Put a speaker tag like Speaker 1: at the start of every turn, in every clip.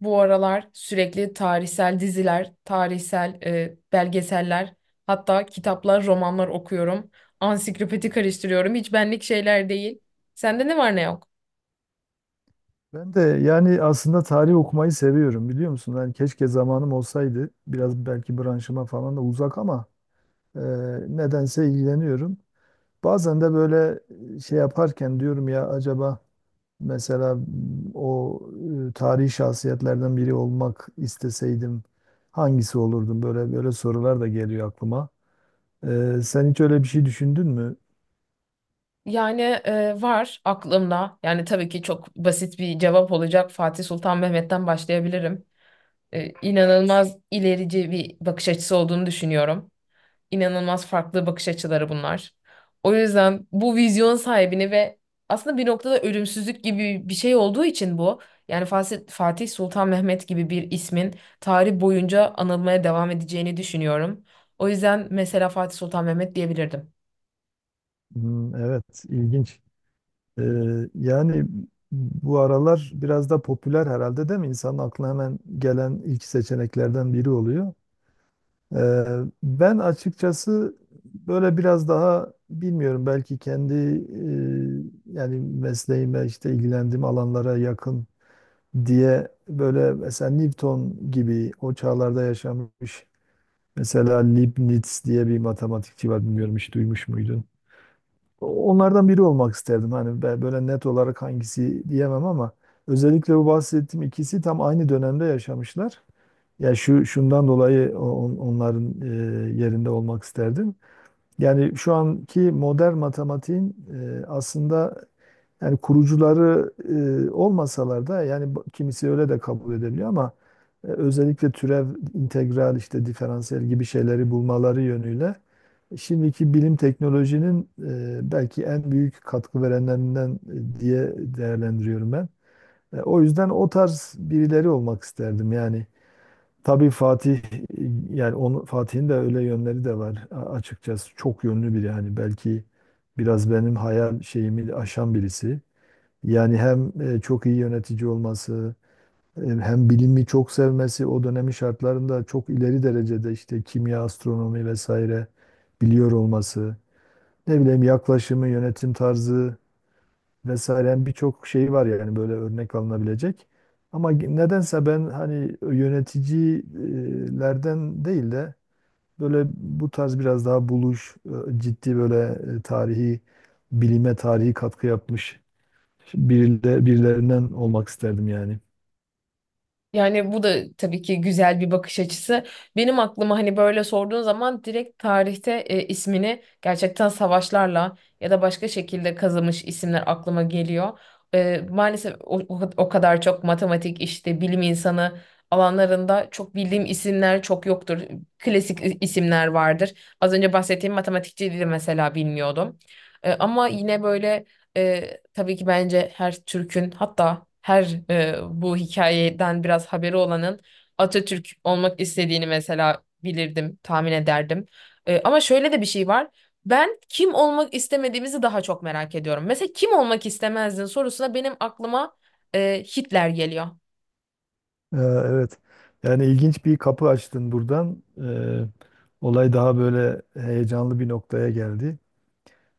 Speaker 1: Bu aralar sürekli tarihsel diziler, tarihsel belgeseller, hatta kitaplar, romanlar okuyorum. Ansiklopedi karıştırıyorum. Hiç benlik şeyler değil. Sende ne var ne yok?
Speaker 2: Ben de yani aslında tarih okumayı seviyorum biliyor musun? Yani keşke zamanım olsaydı. Biraz belki branşıma falan da uzak ama e, nedense ilgileniyorum. Bazen de böyle şey yaparken diyorum ya acaba mesela o tarihi şahsiyetlerden biri olmak isteseydim hangisi olurdum? Böyle böyle sorular da geliyor aklıma. Sen hiç öyle bir şey düşündün mü?
Speaker 1: Yani var aklımda. Yani tabii ki çok basit bir cevap olacak. Fatih Sultan Mehmet'ten başlayabilirim. İnanılmaz ilerici bir bakış açısı olduğunu düşünüyorum. İnanılmaz farklı bakış açıları bunlar. O yüzden bu vizyon sahibini ve aslında bir noktada ölümsüzlük gibi bir şey olduğu için bu. Yani Fatih Sultan Mehmet gibi bir ismin tarih boyunca anılmaya devam edeceğini düşünüyorum. O yüzden mesela Fatih Sultan Mehmet diyebilirdim.
Speaker 2: Hmm, evet, ilginç. Ee, yani bu aralar biraz da popüler herhalde değil mi? İnsanın aklına hemen gelen ilk seçeneklerden biri oluyor. Ee, Ben açıkçası böyle biraz daha bilmiyorum belki kendi yani mesleğime işte ilgilendiğim alanlara yakın diye böyle mesela Newton gibi o çağlarda yaşamış mesela Leibniz diye bir matematikçi var bilmiyorum hiç duymuş muydun? Onlardan biri olmak isterdim hani böyle net olarak hangisi diyemem ama özellikle bu bahsettiğim ikisi tam aynı dönemde yaşamışlar. Ya şu şundan dolayı onların yerinde olmak isterdim. Yani şu anki modern matematiğin aslında yani kurucuları olmasalar da yani kimisi öyle de kabul edebiliyor ama özellikle türev, integral, işte diferansiyel gibi şeyleri bulmaları yönüyle şimdiki bilim teknolojinin belki en büyük katkı verenlerinden diye değerlendiriyorum ben. O yüzden o tarz birileri olmak isterdim yani. Tabii Fatih yani onu Fatih'in de öyle yönleri de var açıkçası çok yönlü biri yani belki biraz benim hayal şeyimi aşan birisi. Yani hem çok iyi yönetici olması, hem bilimi çok sevmesi, o dönemin şartlarında çok ileri derecede işte kimya, astronomi vesaire biliyor olması. Ne bileyim yaklaşımı, yönetim tarzı vesaire, yani birçok şey var yani böyle örnek alınabilecek. Ama nedense ben hani yöneticilerden değil de böyle bu tarz biraz daha buluş, ciddi böyle tarihi, bilime tarihi katkı yapmış birilerinden olmak isterdim yani.
Speaker 1: Yani bu da tabii ki güzel bir bakış açısı. Benim aklıma hani böyle sorduğun zaman direkt tarihte ismini gerçekten savaşlarla ya da başka şekilde kazımış isimler aklıma geliyor. Maalesef o kadar çok matematik işte bilim insanı alanlarında çok bildiğim isimler çok yoktur. Klasik isimler vardır. Az önce bahsettiğim matematikçiydi mesela bilmiyordum. Ama yine böyle tabii ki bence her Türk'ün hatta her bu hikayeden biraz haberi olanın Atatürk olmak istediğini mesela bilirdim, tahmin ederdim. Ama şöyle de bir şey var. Ben kim olmak istemediğimizi daha çok merak ediyorum. Mesela kim olmak istemezdin sorusuna benim aklıma Hitler geliyor.
Speaker 2: Evet. Yani ilginç bir kapı açtın buradan. Olay daha böyle heyecanlı bir noktaya geldi.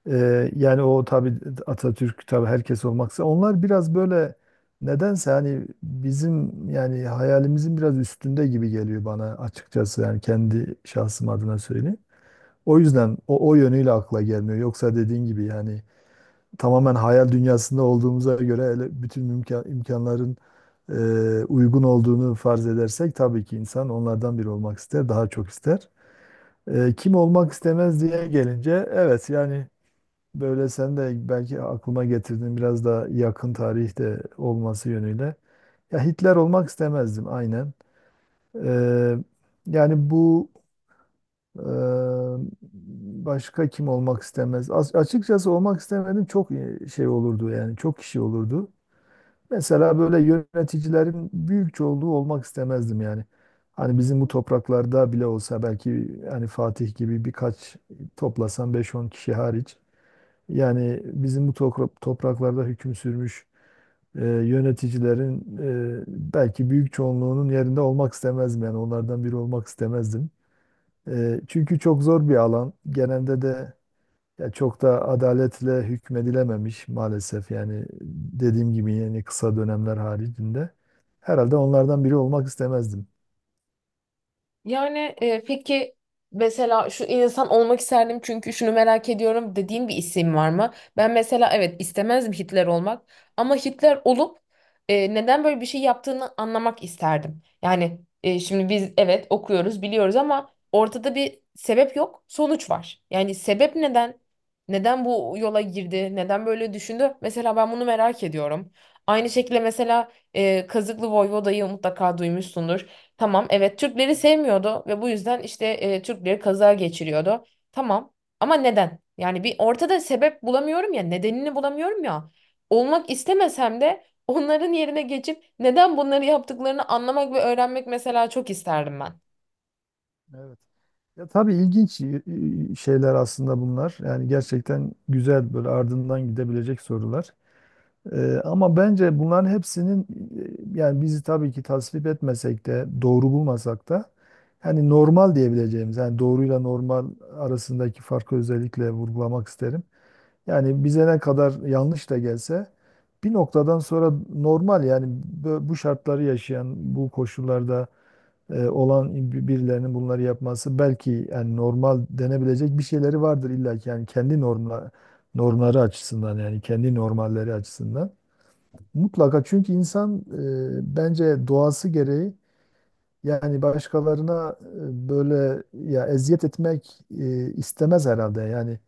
Speaker 2: Yani o tabii Atatürk, tabii herkes olmaksa onlar biraz böyle nedense hani bizim yani hayalimizin biraz üstünde gibi geliyor bana, açıkçası yani kendi şahsım adına söyleyeyim. O yüzden o yönüyle akla gelmiyor. Yoksa dediğin gibi yani tamamen hayal dünyasında olduğumuza göre, hele bütün imkanların e, uygun olduğunu farz edersek, tabii ki insan onlardan biri olmak ister, daha çok ister. Kim olmak istemez diye gelince, evet yani böyle sen de belki aklıma getirdin biraz da yakın tarihte olması yönüyle. Ya Hitler olmak istemezdim aynen. Ee, yani bu e, Başka kim olmak istemez? Açıkçası olmak istemedim çok şey olurdu yani çok kişi olurdu. Mesela böyle yöneticilerin büyük çoğunluğu olmak istemezdim yani. Hani bizim bu topraklarda bile olsa, belki hani Fatih gibi birkaç toplasan beş on kişi hariç. Yani bizim bu topraklarda hüküm sürmüş yöneticilerin belki büyük çoğunluğunun yerinde olmak istemezdim. Yani onlardan biri olmak istemezdim. Çünkü çok zor bir alan. Genelde de ya çok da adaletle hükmedilememiş maalesef. Yani dediğim gibi yani kısa dönemler haricinde. Herhalde onlardan biri olmak istemezdim.
Speaker 1: Yani peki mesela şu insan olmak isterdim çünkü şunu merak ediyorum dediğin bir isim var mı? Ben mesela evet istemezdim Hitler olmak ama Hitler olup neden böyle bir şey yaptığını anlamak isterdim. Yani şimdi biz evet okuyoruz biliyoruz ama ortada bir sebep yok sonuç var. Yani sebep neden? Neden bu yola girdi? Neden böyle düşündü? Mesela ben bunu merak ediyorum. Aynı şekilde mesela Kazıklı Voyvoda'yı mutlaka duymuşsundur. Tamam, evet, Türkleri sevmiyordu ve bu yüzden işte Türkleri kaza geçiriyordu. Tamam ama neden? Yani bir ortada sebep bulamıyorum ya, nedenini bulamıyorum ya. Olmak istemesem de onların yerine geçip neden bunları yaptıklarını anlamak ve öğrenmek mesela çok isterdim ben.
Speaker 2: Evet. Ya tabii ilginç şeyler aslında bunlar. Yani gerçekten güzel böyle ardından gidebilecek sorular. Ama bence bunların hepsinin yani bizi tabii ki tasvip etmesek de doğru bulmasak da hani normal diyebileceğimiz, yani doğruyla normal arasındaki farkı özellikle vurgulamak isterim. Yani bize ne kadar yanlış da gelse bir noktadan sonra normal, yani bu şartları yaşayan bu koşullarda olan birilerinin bunları yapması belki yani normal denebilecek bir şeyleri vardır illa ki, yani kendi normları açısından, yani kendi normalleri açısından. Mutlaka, çünkü insan bence doğası gereği yani başkalarına böyle ya eziyet etmek istemez herhalde. Yani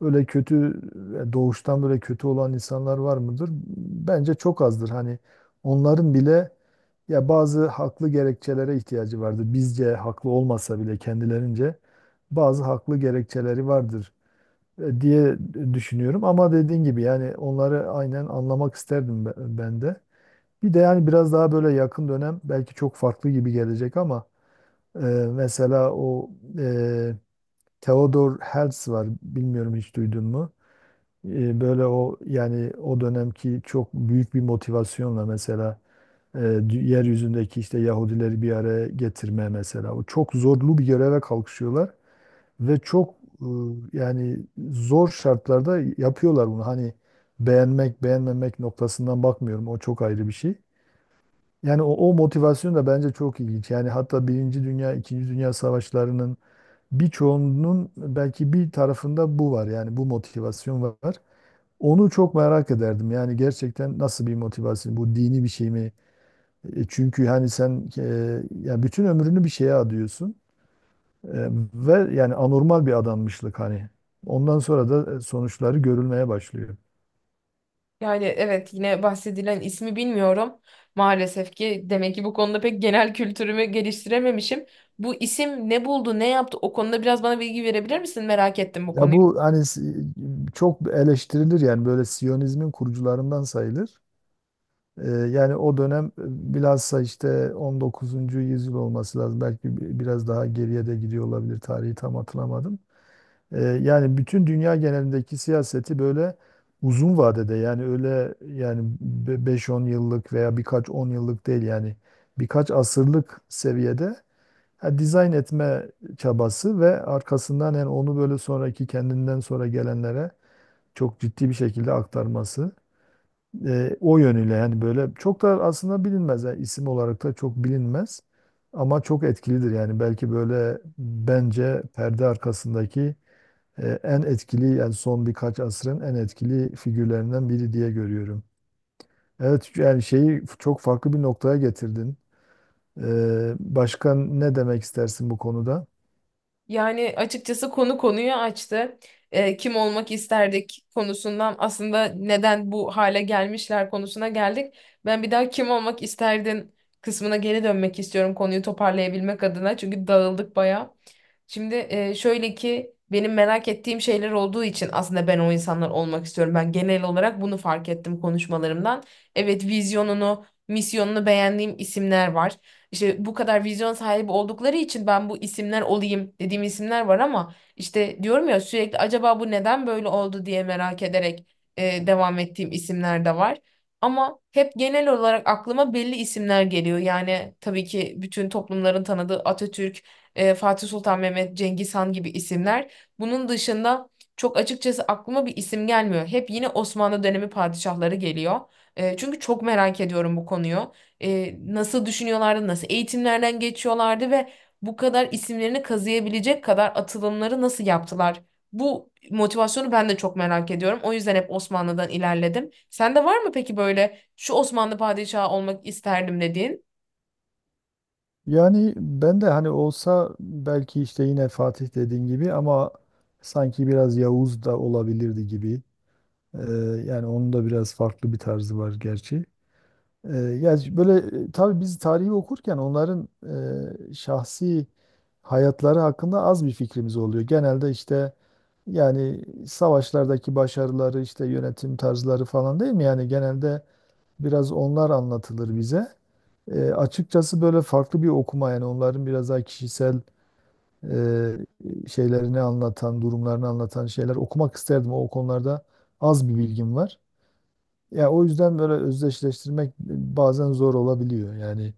Speaker 2: öyle kötü, doğuştan böyle kötü olan insanlar var mıdır? Bence çok azdır. Hani onların bile ya bazı haklı gerekçelere ihtiyacı vardır. Bizce haklı olmasa bile kendilerince bazı haklı gerekçeleri vardır diye düşünüyorum. Ama dediğin gibi yani onları aynen anlamak isterdim ben de. Bir de yani biraz daha böyle yakın dönem belki çok farklı gibi gelecek ama e, mesela o e, Theodor Herzl var, bilmiyorum hiç duydun mu? Böyle o yani o dönemki çok büyük bir motivasyonla mesela yeryüzündeki işte Yahudileri bir araya getirme mesela. O çok zorlu bir göreve kalkışıyorlar ve çok e, yani zor şartlarda yapıyorlar bunu. Hani beğenmek beğenmemek noktasından bakmıyorum, o çok ayrı bir şey. Yani o motivasyon da bence çok ilginç. Yani hatta Birinci Dünya, İkinci Dünya Savaşlarının birçoğunun belki bir tarafında bu var. Yani bu motivasyon var. Onu çok merak ederdim. Yani gerçekten nasıl bir motivasyon? Bu dini bir şey mi? Çünkü hani sen ya bütün ömrünü bir şeye adıyorsun E, ve yani anormal bir adanmışlık hani. Ondan sonra da sonuçları görülmeye başlıyor.
Speaker 1: Yani evet yine bahsedilen ismi bilmiyorum. Maalesef ki demek ki bu konuda pek genel kültürümü geliştirememişim. Bu isim ne buldu, ne yaptı? O konuda biraz bana bilgi verebilir misin? Merak ettim bu
Speaker 2: Ya
Speaker 1: konuyu.
Speaker 2: bu hani çok eleştirilir, yani böyle Siyonizmin kurucularından sayılır. Yani o dönem bilhassa işte 19. yüzyıl olması lazım. Belki biraz daha geriye de gidiyor olabilir. Tarihi tam hatırlamadım. Yani bütün dünya genelindeki siyaseti böyle uzun vadede, yani öyle yani 5-10 yıllık veya birkaç 10 yıllık değil yani birkaç asırlık seviyede ha, dizayn etme çabası ve arkasından yani onu böyle sonraki, kendinden sonra gelenlere çok ciddi bir şekilde aktarması. O yönüyle yani böyle çok da aslında bilinmez. Yani isim olarak da çok bilinmez. Ama çok etkilidir, yani belki böyle bence perde arkasındaki en etkili, yani son birkaç asrın en etkili figürlerinden biri diye görüyorum. Evet yani şeyi çok farklı bir noktaya getirdin. Başka ne demek istersin bu konuda?
Speaker 1: Yani açıkçası konu konuyu açtı. Kim olmak isterdik konusundan aslında neden bu hale gelmişler konusuna geldik. Ben bir daha kim olmak isterdin kısmına geri dönmek istiyorum konuyu toparlayabilmek adına. Çünkü dağıldık bayağı. Şimdi şöyle ki benim merak ettiğim şeyler olduğu için aslında ben o insanlar olmak istiyorum. Ben genel olarak bunu fark ettim konuşmalarımdan. Evet, vizyonunu, misyonunu beğendiğim isimler var. İşte bu kadar vizyon sahibi oldukları için ben bu isimler olayım dediğim isimler var ama işte diyorum ya sürekli acaba bu neden böyle oldu diye merak ederek devam ettiğim isimler de var. Ama hep genel olarak aklıma belli isimler geliyor. Yani tabii ki bütün toplumların tanıdığı Atatürk, Fatih Sultan Mehmet, Cengiz Han gibi isimler. Bunun dışında çok açıkçası aklıma bir isim gelmiyor. Hep yine Osmanlı dönemi padişahları geliyor. Çünkü çok merak ediyorum bu konuyu. Nasıl düşünüyorlardı, nasıl eğitimlerden geçiyorlardı ve bu kadar isimlerini kazıyabilecek kadar atılımları nasıl yaptılar? Bu motivasyonu ben de çok merak ediyorum. O yüzden hep Osmanlı'dan ilerledim. Sende var mı peki böyle şu Osmanlı padişahı olmak isterdim dediğin?
Speaker 2: Yani ben de hani olsa belki işte yine Fatih dediğin gibi ama sanki biraz Yavuz da olabilirdi gibi. Ee, Yani onun da biraz farklı bir tarzı var gerçi. Ya böyle tabii biz tarihi okurken onların şahsi hayatları hakkında az bir fikrimiz oluyor. Genelde işte yani savaşlardaki başarıları, işte yönetim tarzları falan, değil mi? Yani genelde biraz onlar anlatılır bize. Açıkçası böyle farklı bir okuma, yani onların biraz daha kişisel şeylerini anlatan, durumlarını anlatan şeyler okumak isterdim. O konularda az bir bilgim var. Ya o yüzden böyle özdeşleştirmek bazen zor olabiliyor. Yani.